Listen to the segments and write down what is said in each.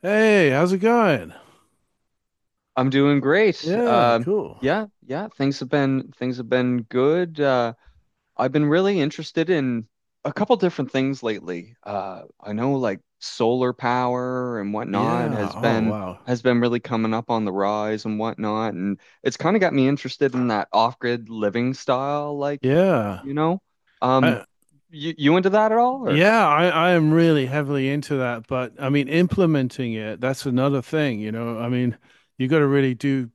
Hey, how's it going? I'm doing great. Yeah, cool. Yeah, yeah, things have been good. I've been really interested in a couple different things lately. I know like solar power and whatnot Yeah. has Oh, been wow. Really coming up on the rise and whatnot, and it's kind of got me interested in that off-grid living style, like, Yeah. you know. I, Um, you into that at all or? I am really heavily into that, but I mean, implementing it, that's another thing, you know. I mean, you got to really do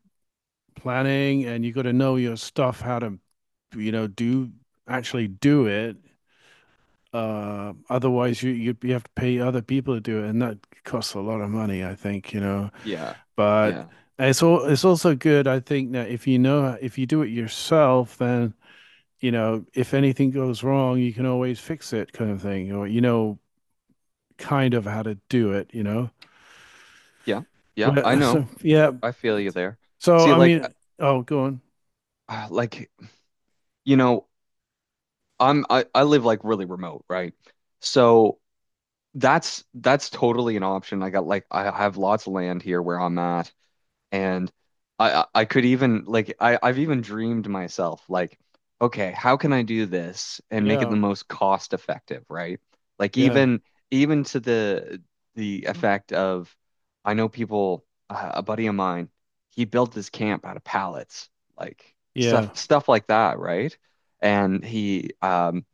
planning and you got to know your stuff, how to, do actually do it. Otherwise you have to pay other people to do it, and that costs a lot of money, I think, you know. Yeah. But Yeah. It's also good, I think, that if you know if you do it yourself, then you know if anything goes wrong, you can always fix it, kind of thing, or you know kind of how to do it, you know. Yeah. Yeah, I Well, know. so yeah, I feel you there. so See, I mean, oh, go on, like you know I live like really remote, right? So that's totally an option. I got like I have lots of land here where I'm at, and I could even like I've even dreamed myself like, okay, how can I do this and make it the yeah, most cost effective, right? Like yeah, even to the effect of I know people a buddy of mine, he built this camp out of pallets, like stuff yeah, stuff like that, right? And he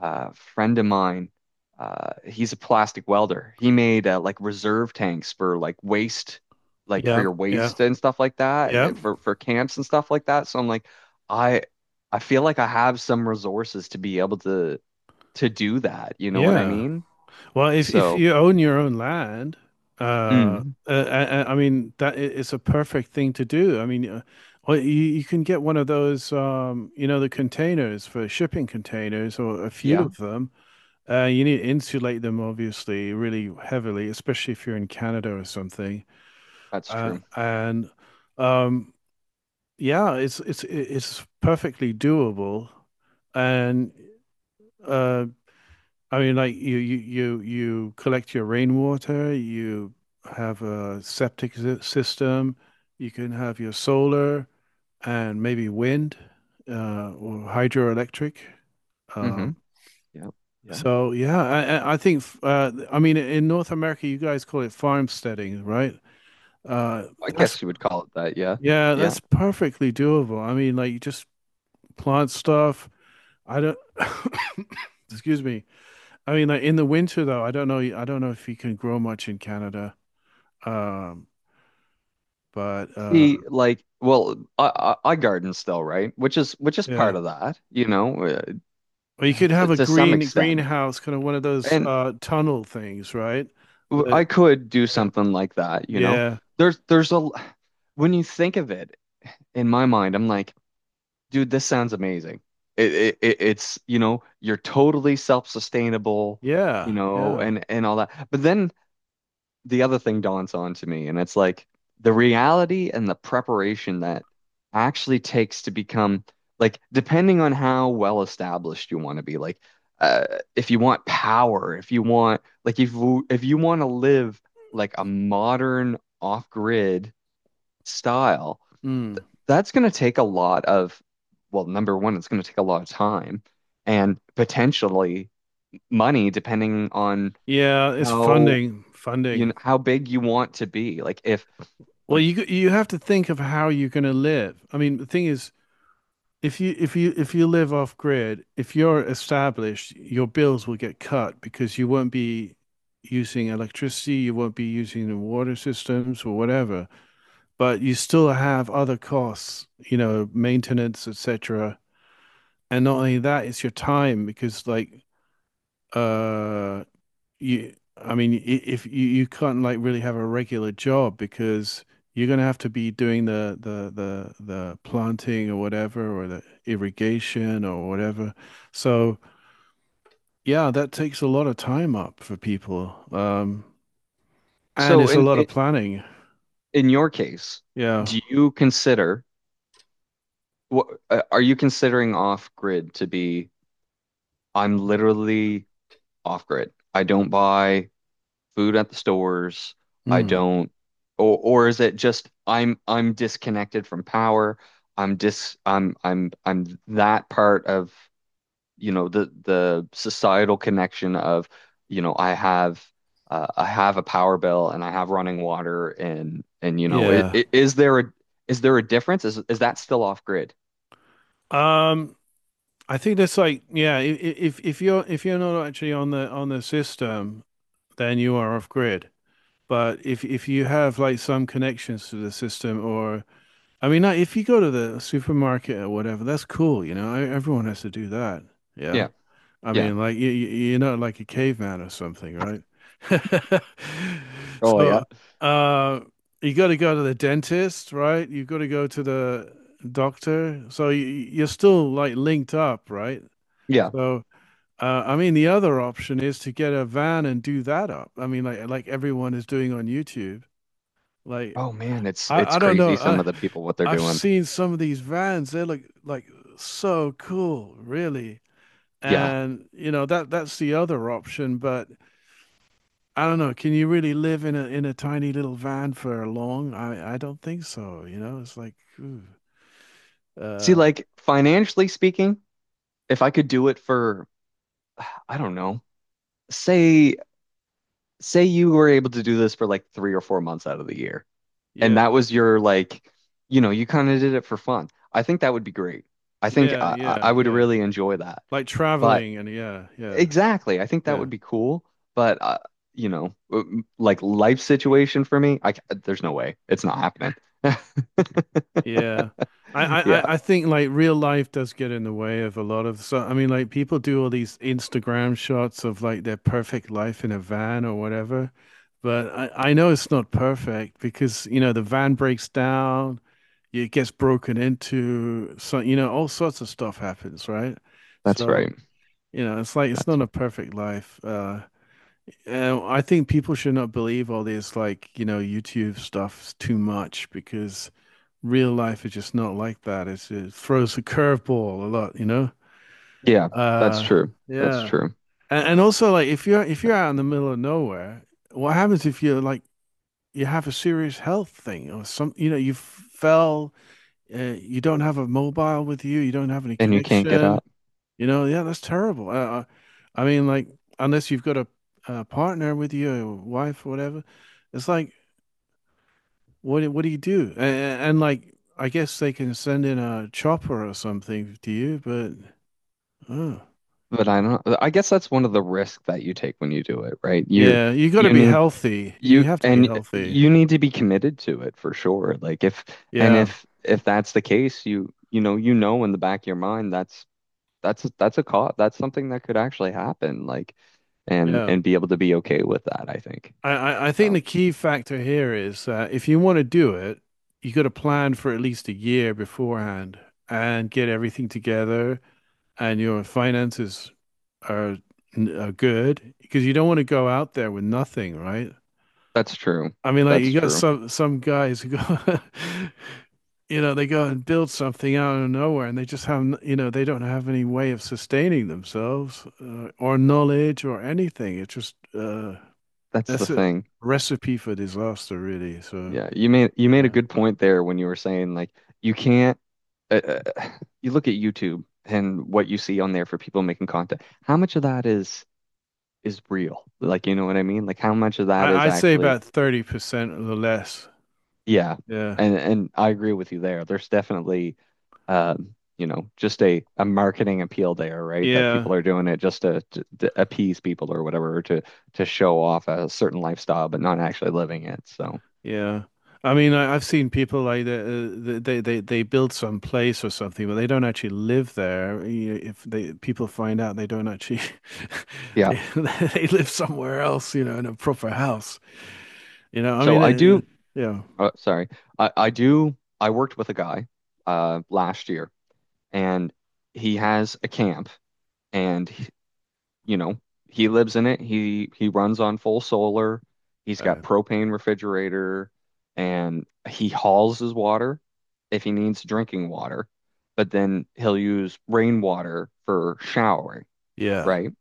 friend of mine. He's a plastic welder. He made like reserve tanks for like waste, like for yeah, your yeah, waste and stuff like that, yeah, for camps and stuff like that. So I'm like, I I feel like I have some resources to be able to do that. You know what I yeah. mean? Well, if So, you own your own land, uh, mm, uh, I, I I mean it's a perfect thing to do. I mean, well, you can get one of those, you know, the containers for shipping containers, or a few yeah, of them. You need to insulate them, obviously, really heavily, especially if you're in Canada or something. that's true. And um, yeah, it's it's perfectly doable, and. Uh, I mean, like you collect your rainwater, you have a septic system, you can have your solar and maybe wind or hydroelectric. Um, Hmm. Yeah, yeah. so yeah, I think I mean in North America you guys call it farmsteading, right? I That's guess you would call it that. Yeah, Yeah, yeah. that's perfectly doable. I mean, like you just plant stuff. I don't, excuse me. I mean, like in the winter though, I don't know. I don't know if you can grow much in Canada. Um, but See, like, well, I garden still, right? Which is Yeah, part of that. Uh, or you could to, have a to some extent. greenhouse, kind of one of those And tunnel things, right? I That could do Yeah, something like that. yeah, There's when you think of it in my mind, I'm like, dude, this sounds amazing. It's, you're totally self-sustainable, yeah, yeah. and all that. But then the other thing dawns on to me, and it's like the reality and the preparation that actually takes to become like depending on how well established you want to be, like uh, if you want power, if you want like if you want to live like a modern off-grid style, Mm. th that's going to take a lot of well, number one, it's going to take a lot of time and potentially money, depending on Yeah, it's how funding, funding. How big you want to be. Like if Well, like you have to think of how you're going to live. I mean, the thing is, if you if you if you live off grid, if you're established, your bills will get cut because you won't be using electricity, you won't be using the water systems or whatever, but you still have other costs, you know, maintenance, etc. And not only that, it's your time because uh you I mean if you can't like really have a regular job because you're gonna have to be doing the planting or whatever or the irrigation or whatever. So yeah, that takes a lot of time up for people. And so it's a in lot of in, planning. in your case, Yeah. do you consider what are you considering off grid to be? I'm literally off grid. I don't buy food at the stores. I Mm. don't. Or is it just I'm disconnected from power? I'm dis I'm that part of the societal connection of you know I have I have a power bill and I have running water, and Yeah. Is there a difference? Is that still off grid? Um I think that's like yeah, if you're not actually on the system, then you are off grid. But if you have like some connections to the system, or I mean, like, if you go to the supermarket or whatever, that's cool. You know, everyone has to do that. Yeah, Yeah, I yeah. mean, like you're not like a caveman or something, right? Oh yeah. So, uh, you got to go to the dentist, right? You've got to go to the doctor. So you're still like linked up, right? Yeah. So. I mean, the other option is to get a van and do that up. I mean, like everyone is doing on YouTube. Like Oh man, it's it's I don't crazy know. some I of the people what they're I've doing. seen some of these vans. They look like so cool, really. Yeah. And you know that that's the other option. But I don't know. Can you really live in a tiny little van for long? I don't think so. You know, it's like, ooh, See, uh, like financially speaking, if I could do it for I don't know, say say you were able to do this for like 3 or 4 months out of the year and yeah, that was your like, you kind of did it for fun. I think that would be great. I think yeah, I, I yeah, I would yeah. really enjoy that. Like But traveling and yeah, yeah, exactly, I think that yeah. would be cool. But like life situation for me, there's no way it's not happening. Yeah. I, I, Yeah, I I think like real life does get in the way of a lot of so I mean like people do all these Instagram shots of like their perfect life in a van or whatever, but I know it's not perfect because you know the van breaks down, it gets broken into, so you know all sorts of stuff happens, right? that's So right. you know it's like it's That's not a perfect life. And I think people should not believe all this like you know YouTube stuff too much because real life is just not like that. It throws a curveball a lot, you know? yeah, that's Uh, true. That's yeah. true. And also like if you're out in the middle of nowhere, what happens if you're like you have a serious health thing or some, you know, you fell, you don't have a mobile with you, you don't have any And you can't get connection, up. you know? Yeah, that's terrible. I mean, like unless you've got a partner with you, or wife or whatever, it's like what do you do? And like, I guess they can send in a chopper or something to you, but oh. But I don't. I guess that's one of the risks that you take when you do it, right? You're Yeah, you got to you be need healthy. You You have to be and healthy. you need to be committed to it for sure. Like if and Yeah, if if that's the case, you know in the back of your mind that's a cause, that's something that could actually happen. Like and yeah. and be able to be okay with that, I think. I think So the key factor here is that if you want to do it, you got to plan for at least a year beforehand and get everything together, and your finances are, are good because you don't want to go out there with nothing, right? that's true. I mean, like That's you got true. Some guys who go, you know, they go and build something out of nowhere, and they just you know, they don't have any way of sustaining themselves or knowledge or anything. It's just That's the that's a thing. recipe for disaster, really. So Yeah, you made a yeah. good point there when you were saying like you can't uh, uh, you look at YouTube and what you see on there for people making content. How much of that is real. Like, you know what I mean? Like how much of that is I'd say actually, about 30% or less. yeah. Yeah. And I agree with you there. There's definitely just a marketing appeal there, right? That Yeah. people are doing it just to appease people or whatever, or to show off a certain lifestyle, but not actually living it. So, Yeah. I mean, I've seen people like they build some place or something, but they don't actually live there. You know, if they people find out, they don't actually yeah. they they live somewhere else, you know, in a proper house. You know, I So mean, I do, it, yeah, oh, sorry. I worked with a guy last year and he has a camp and you know, he lives in it. He runs on full solar. He's got uh, propane refrigerator and he hauls his water if he needs drinking water, but then he'll use rainwater for showering, yeah, right?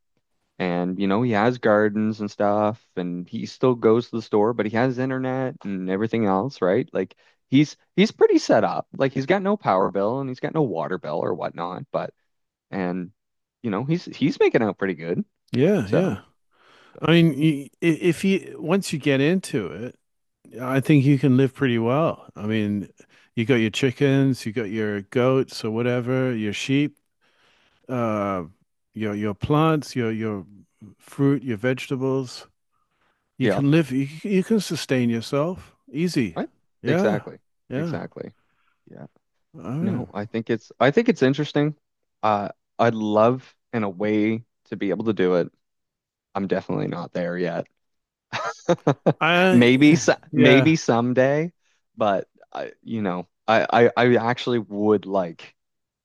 And he has gardens and stuff and he still goes to the store, but he has internet and everything else, right? Like he's pretty set up. Like he's got no power bill and he's got no water bill or whatnot, but and he's making out pretty good. yeah, yeah. So so I mean, if you once you get into it, I think you can live pretty well. I mean, you got your chickens, you got your goats or whatever, your sheep. uh, your plants, your fruit, your vegetables. You yeah. can live. You can sustain yourself easy. I Yeah, Exactly. yeah. Exactly. Yeah, Oh, yeah. no, I think it's interesting. Uh, I'd love in a way to be able to do it. I'm definitely not there yet. Maybe I so, yeah maybe someday, but I, you know, I actually would like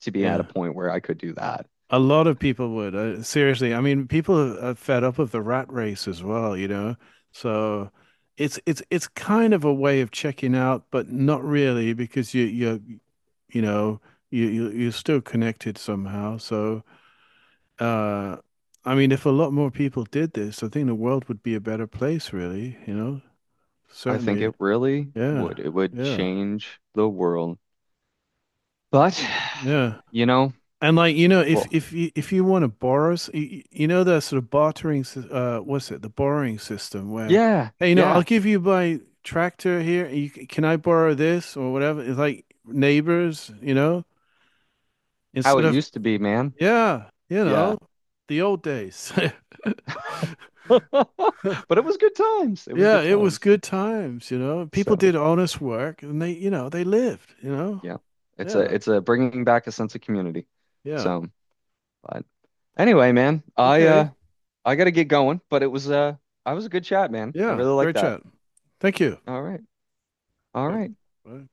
to be at a yeah. point where I could do that. A lot of people would. Seriously, I mean, people are fed up of the rat race as well. You know, so it's it's kind of a way of checking out, but not really because you know you're still connected somehow. So. Uh, I mean, if a lot more people did this, I think the world would be a better place, really, you know? I think Certainly. it really Yeah. would. It would Yeah. change the world. But Yeah. you know, And like, you know, if well, if you if you want to borrow, you know, that sort of bartering, what's it? The borrowing system where, yeah, hey, you know, I'll yeah, give you my tractor here. Can I borrow this or whatever? It's like neighbors, you know, how instead it of, used to be, man. yeah, you Yeah. know, the old days. But it was good times. It was Yeah, good it was times. good times, you know. People So did honest work and they, you know, they lived, you know. yeah, it's Yeah. a it's a bringing back a sense of community. Yeah. So, but anyway, man, I Okay. uh I gotta get going. But it was I was a good chat, man. I Yeah. really like Great that. chat. Thank you. All right, all Um, right. Bye.